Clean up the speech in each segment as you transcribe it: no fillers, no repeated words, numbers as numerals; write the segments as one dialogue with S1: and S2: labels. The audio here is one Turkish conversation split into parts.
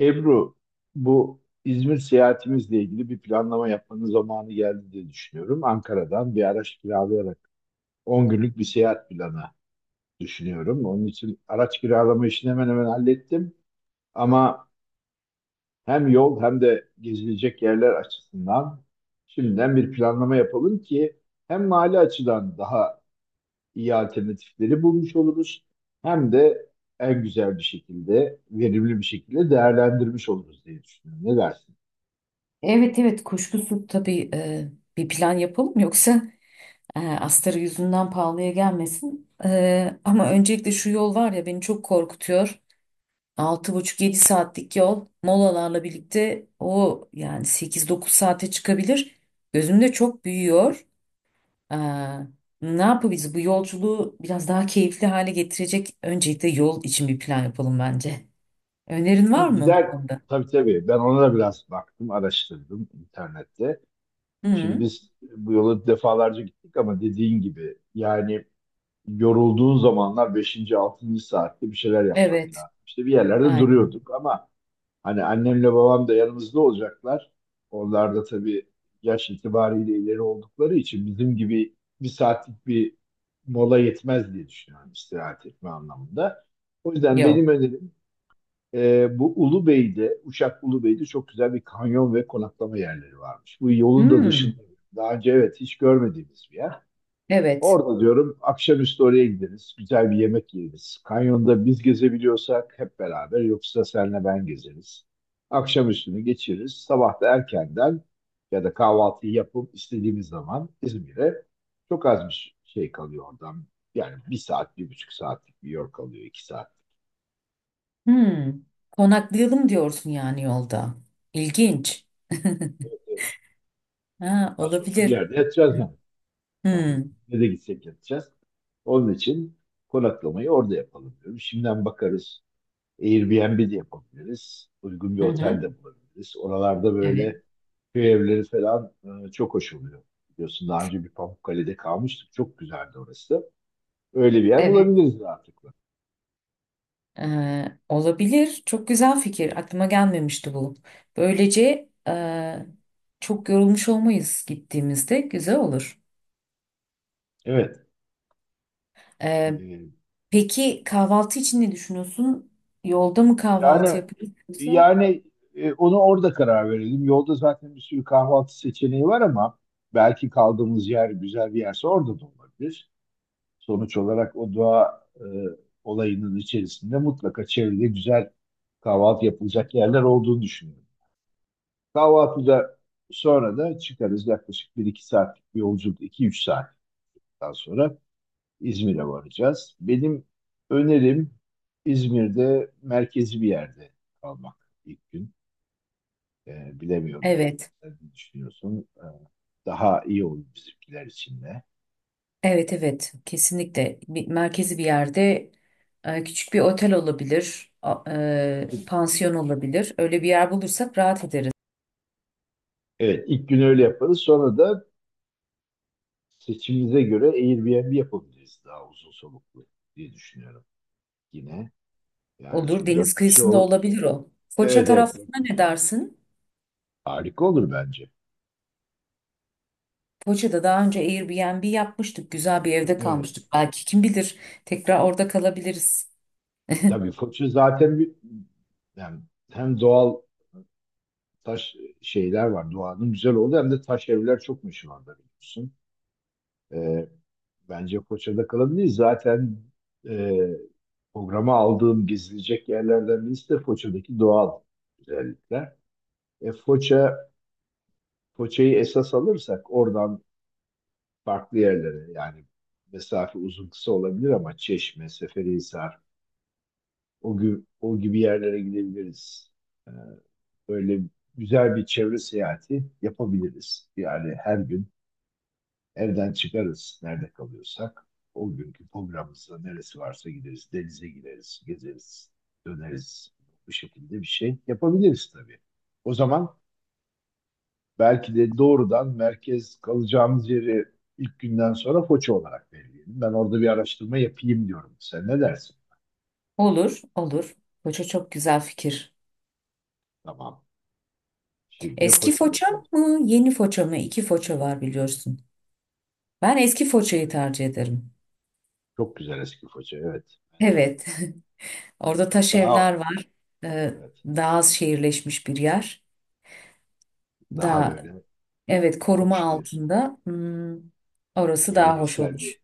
S1: Ebru, bu İzmir seyahatimizle ilgili bir planlama yapmanın zamanı geldi diye düşünüyorum. Ankara'dan bir araç kiralayarak 10 günlük bir seyahat planı düşünüyorum. Onun için araç kiralama işini hemen hemen hallettim. Ama hem yol hem de gezilecek yerler açısından şimdiden bir planlama yapalım ki hem mali açıdan daha iyi alternatifleri bulmuş oluruz hem de en güzel bir şekilde, verimli bir şekilde değerlendirmiş oluruz diye düşünüyorum. Ne dersin?
S2: Evet evet kuşkusuz tabii bir plan yapalım yoksa astarı yüzünden pahalıya gelmesin. Ama öncelikle şu yol var ya beni çok korkutuyor. 6,5-7 saatlik yol molalarla birlikte o yani 8-9 saate çıkabilir. Gözümde çok büyüyor. E, ne yapabiliriz? Bu yolculuğu biraz daha keyifli hale getirecek öncelikle yol için bir plan yapalım bence. Önerin var
S1: Şimdi
S2: mı bu konuda?
S1: tabii tabii ben ona da biraz baktım, araştırdım internette. Şimdi
S2: Hı,
S1: biz bu yola defalarca gittik ama dediğin gibi yani yorulduğun zamanlar beşinci altıncı saatte bir şeyler yapmak
S2: evet,
S1: lazım. İşte bir yerlerde
S2: aynen,
S1: duruyorduk ama hani annemle babam da yanımızda olacaklar. Onlar da tabii yaş itibariyle ileri oldukları için bizim gibi bir saatlik bir mola yetmez diye düşünüyorum istirahat etme anlamında. O yüzden
S2: yok.
S1: benim önerim, bu Ulubey'de, Uşak Ulubey'de çok güzel bir kanyon ve konaklama yerleri varmış. Bu yolun da
S2: Hı.
S1: dışında. Daha önce, evet, hiç görmediğimiz bir yer.
S2: Evet.
S1: Orada diyorum akşamüstü oraya gideriz. Güzel bir yemek yeriz. Kanyonda biz gezebiliyorsak hep beraber, yoksa senle ben gezeriz. Akşamüstünü geçiririz. Sabah da erkenden ya da kahvaltıyı yapıp istediğimiz zaman İzmir'e, çok az bir şey kalıyor oradan. Yani bir saat, 1,5 saatlik bir yol kalıyor, 2 saat.
S2: Hmm. Konaklayalım diyorsun yani yolda. İlginç.
S1: Evet, evet.
S2: Ha,
S1: Nasıl olsa bir
S2: olabilir.
S1: yerde yatacağız
S2: Hmm.
S1: yani. Yani ne de gitsek yatacağız. Onun için konaklamayı orada yapalım diyorum. Şimdiden bakarız. Airbnb de yapabiliriz. Uygun bir
S2: Hı hı.
S1: otel de bulabiliriz. Oralarda
S2: Evet.
S1: böyle köy evleri falan çok hoş oluyor. Biliyorsun daha önce bir Pamukkale'de kalmıştık. Çok güzeldi orası da. Öyle bir yer
S2: Evet.
S1: bulabiliriz artık.
S2: Olabilir. Çok güzel fikir. Aklıma gelmemişti bu. Böylece çok yorulmuş olmayız gittiğimizde. Güzel olur.
S1: Evet.
S2: Ee,
S1: E,
S2: peki kahvaltı için ne düşünüyorsun? Yolda mı kahvaltı
S1: yani
S2: yapıyoruz yoksa?
S1: yani Onu orada karar verelim. Yolda zaten bir sürü kahvaltı seçeneği var ama belki kaldığımız yer güzel bir yerse orada da olabilir. Sonuç olarak o doğa olayının içerisinde mutlaka çevrede güzel kahvaltı yapılacak yerler olduğunu düşünüyorum. Kahvaltıda sonra da çıkarız, yaklaşık 1-2 saatlik bir yolculuk, 2-3 saatten sonra İzmir'e varacağız. Benim önerim İzmir'de merkezi bir yerde kalmak ilk gün. Bilemiyorum,
S2: Evet.
S1: sen ne düşünüyorsun. Daha iyi olur bizimkiler için de.
S2: Evet evet kesinlikle merkezi bir yerde küçük bir otel olabilir, pansiyon olabilir. Öyle bir yer bulursak rahat ederiz.
S1: Evet, ilk gün öyle yaparız. Sonra da seçimimize göre Airbnb yapabiliriz daha uzun soluklu diye düşünüyorum yine. Yani
S2: Olur,
S1: çünkü
S2: deniz
S1: dört kişi
S2: kıyısında
S1: o,
S2: olabilir o. Foça
S1: evet evet,
S2: tarafına
S1: dört
S2: ne
S1: kişi.
S2: dersin?
S1: Harika olur bence.
S2: Foça'da daha önce Airbnb yapmıştık. Güzel bir evde
S1: Evet.
S2: kalmıştık. Belki kim bilir tekrar orada kalabiliriz.
S1: Tabii Foç'u zaten bir, yani hem doğal taş şeyler var. Doğanın güzel oldu, hem de taş evler çok meşhur orada biliyorsun. Ee, Bence Foça'da kalabiliriz. Zaten e, programa aldığım gezilecek yerlerden birisi de Foça'daki doğal güzellikler. E, Foça Foça'yı esas alırsak oradan farklı yerlere, yani mesafe uzun kısa olabilir ama Çeşme, Seferihisar, o gibi, o gibi yerlere gidebiliriz. Ee, Öyle güzel bir çevre seyahati yapabiliriz. Yani her gün evden çıkarız nerede kalıyorsak. O günkü programımızda neresi varsa gideriz, denize gireriz, gezeriz, döneriz. Bu şekilde bir şey yapabiliriz tabii. O zaman belki de doğrudan merkez kalacağımız yeri, ilk günden sonra Foça olarak belirleyelim. Ben orada bir araştırma yapayım diyorum. Sen ne dersin?
S2: Olur olur. Foça çok güzel fikir.
S1: Tamam. Şimdi
S2: Eski
S1: Foça'da
S2: Foça
S1: kalacağız.
S2: mı yeni Foça mı? İki Foça var biliyorsun. Ben eski Foça'yı tercih ederim.
S1: Çok güzel eski Foça, evet.
S2: Evet. Orada taş
S1: Daha,
S2: evler var. Ee,
S1: evet,
S2: daha az şehirleşmiş bir yer.
S1: daha
S2: Daha,
S1: böyle
S2: evet, koruma
S1: hoş bir,
S2: altında. Orası daha hoş
S1: geleneksel
S2: olur.
S1: bir.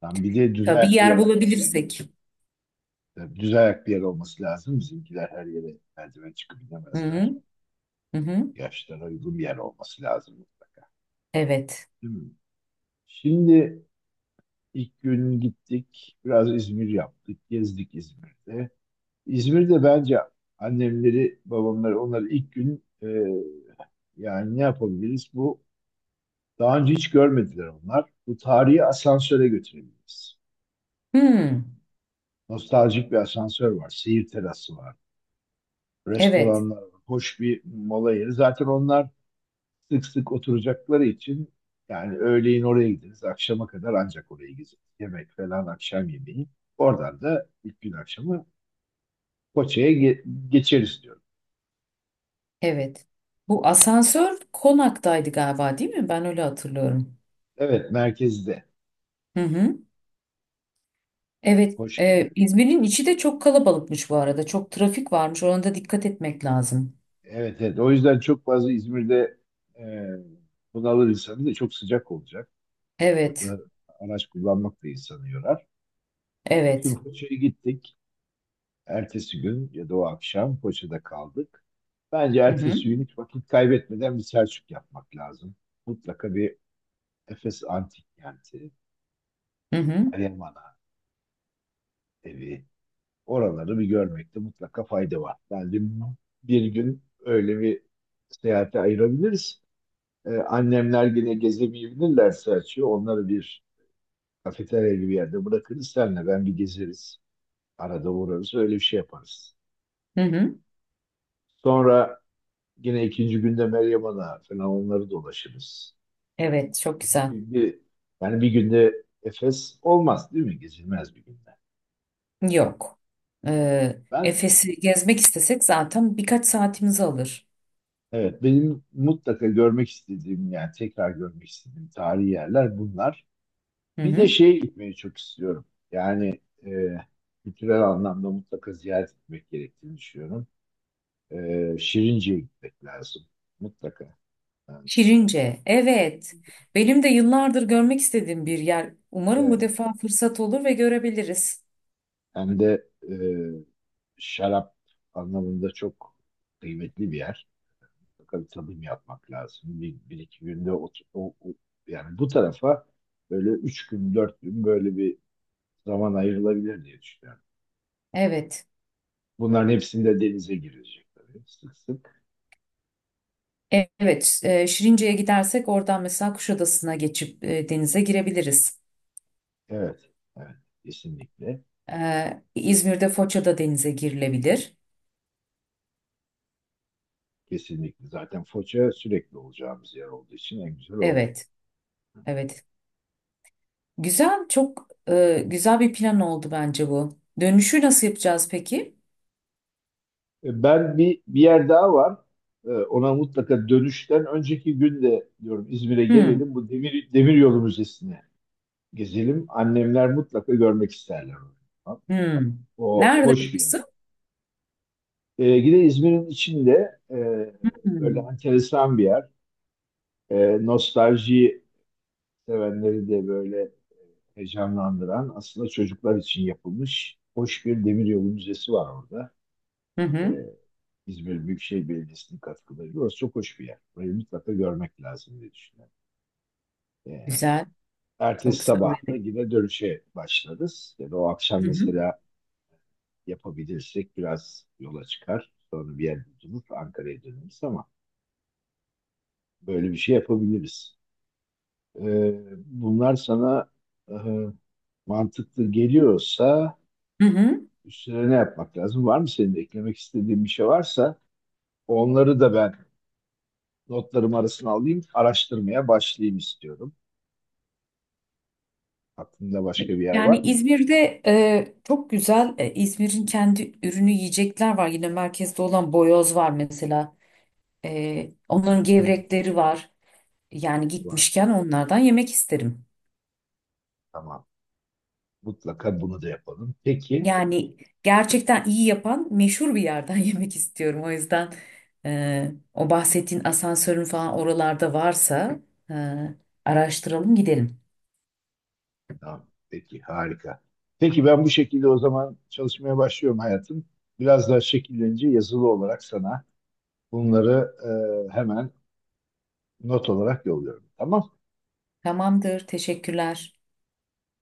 S1: Tam bir de düz
S2: Tabii
S1: ayak bir yer
S2: yer
S1: olması lazım.
S2: bulabilirsek.
S1: Tabii düz ayak bir yer olması lazım. Bizimkiler her yere merdiven çıkıp
S2: Hı
S1: inemezler.
S2: hı, hı hı.
S1: Yaşlara uygun bir yer olması lazım mutlaka.
S2: Evet.
S1: Değil mi? Şimdi İlk gün gittik, biraz İzmir yaptık, gezdik İzmir'de. İzmir'de bence annemleri, babamları, onları ilk gün, yani ne yapabiliriz? Bu daha önce hiç görmediler onlar. Bu tarihi asansöre götürebiliriz.
S2: Hmm,
S1: Nostaljik bir asansör var, seyir terası var,
S2: evet,
S1: restoranlar var, hoş bir mola yeri. Zaten onlar sık sık oturacakları için, yani öğleyin oraya gideriz, akşama kadar ancak oraya gezeriz. Yemek falan, akşam yemeği. Oradan da ilk gün akşamı Foça'ya geçeriz diyorum.
S2: evet. Bu asansör konaktaydı galiba değil mi? Ben öyle hatırlıyorum.
S1: Evet, merkezde.
S2: Hı hı. Evet.
S1: Hoş bir yer.
S2: İzmir'in içi de çok kalabalıkmış bu arada. Çok trafik varmış. Ona da dikkat etmek lazım.
S1: Evet, evet. O yüzden çok fazla İzmir'de, e, bunalır insanı, da çok sıcak olacak.
S2: Evet.
S1: Orada araç kullanmak da insanı yorar.
S2: Evet.
S1: Şimdi Foça'ya gittik. Ertesi gün ya da o akşam Foça'da kaldık. Bence
S2: Hı hı.
S1: ertesi gün hiç vakit kaybetmeden bir Selçuk yapmak lazım. Mutlaka bir Efes Antik Kenti,
S2: Hı hı.
S1: Meryem Ana evi. Oraları bir görmekte mutlaka fayda var. Bence bir gün öyle bir seyahate ayırabiliriz. Annemler yine gezemeyebilirlerse açıyor. Onları bir kafeterya gibi yerde bırakırız. Senle ben bir gezeriz. Arada uğrarız. Öyle bir şey yaparız.
S2: Hı hı.
S1: Sonra yine ikinci günde Meryem Ana falan onları dolaşırız.
S2: Evet, çok güzel.
S1: Bir, bir- Yani bir günde Efes olmaz değil mi? Gezilmez bir günde.
S2: Yok. Ee,
S1: Ben
S2: Efes'i gezmek istesek zaten birkaç saatimizi alır.
S1: Evet, benim mutlaka görmek istediğim, yani tekrar görmek istediğim tarihi yerler bunlar.
S2: Hı
S1: Bir de
S2: hı.
S1: şeye gitmeyi çok istiyorum. Yani e, kültürel anlamda mutlaka ziyaret etmek gerektiğini düşünüyorum. Şirince'ye gitmek lazım mutlaka. Yani,
S2: Şirince, evet. Benim de yıllardır görmek istediğim bir yer. Umarım bu
S1: evet,
S2: defa fırsat olur ve görebiliriz.
S1: hem de şarap anlamında çok kıymetli bir yer. Mutlaka bir tadım yapmak lazım. Bir iki günde yani bu tarafa böyle üç gün dört gün böyle bir zaman ayrılabilir diye düşünüyorum.
S2: Evet.
S1: Bunların hepsinde denize girecek tabii sık sık.
S2: Evet, Şirince'ye gidersek oradan mesela Kuşadası'na geçip denize girebiliriz.
S1: Evet, evet, kesinlikle.
S2: İzmir'de Foça'da denize girilebilir.
S1: Kesinlikle. Zaten Foça sürekli olacağımız yer olduğu için en güzel orada.
S2: Evet, evet. Güzel, çok güzel bir plan oldu bence bu. Dönüşü nasıl yapacağız peki?
S1: Ben bir, bir yer daha var. Ona mutlaka dönüşten önceki gün de diyorum İzmir'e
S2: Hmm,
S1: gelelim. Bu Demiryolu Müzesi'ne gezelim. Annemler mutlaka görmek isterler onu. Tamam.
S2: hmm.
S1: O
S2: Nerede
S1: hoş bir yer.
S2: burası?
S1: Yine İzmir'in içinde, böyle
S2: Hmm.
S1: enteresan bir yer, nostalji sevenleri de böyle heyecanlandıran, aslında çocuklar için yapılmış hoş bir demiryolu müzesi var orada.
S2: Hı
S1: Ee,
S2: hı.
S1: İzmir Büyükşehir Belediyesi'nin katkılarıyla. Orası çok hoş bir yer. Burayı mutlaka görmek lazım diye düşünüyorum. Ee,
S2: Güzel. Çok
S1: Ertesi
S2: güzel
S1: sabah da
S2: orada.
S1: yine dönüşe başlarız. Ya da o akşam
S2: Hı hı.
S1: mesela yapabilirsek biraz yola çıkar. Sonra bir yer bulup Ankara'ya döneriz ama böyle bir şey yapabiliriz. Ee, Bunlar sana, e, mantıklı geliyorsa
S2: Hı hı.
S1: üstüne ne yapmak lazım? Var mı, senin de eklemek istediğin bir şey varsa onları da ben notlarım arasına alayım, araştırmaya başlayayım istiyorum. Aklında başka bir yer
S2: Yani
S1: var mı?
S2: İzmir'de çok güzel İzmir'in kendi ürünü yiyecekler var. Yine merkezde olan boyoz var mesela. Onların
S1: Hı hı.
S2: gevrekleri var. Yani
S1: Var.
S2: gitmişken onlardan yemek isterim.
S1: Tamam. Mutlaka bunu da yapalım. Peki.
S2: Yani gerçekten iyi yapan meşhur bir yerden yemek istiyorum. O yüzden o bahsettiğin asansörün falan oralarda varsa e, araştıralım gidelim.
S1: Tamam. Peki. Harika. Peki ben bu şekilde o zaman çalışmaya başlıyorum hayatım. Biraz daha şekillenince yazılı olarak sana bunları, hemen not olarak yolluyorum. Tamam.
S2: Tamamdır. Teşekkürler.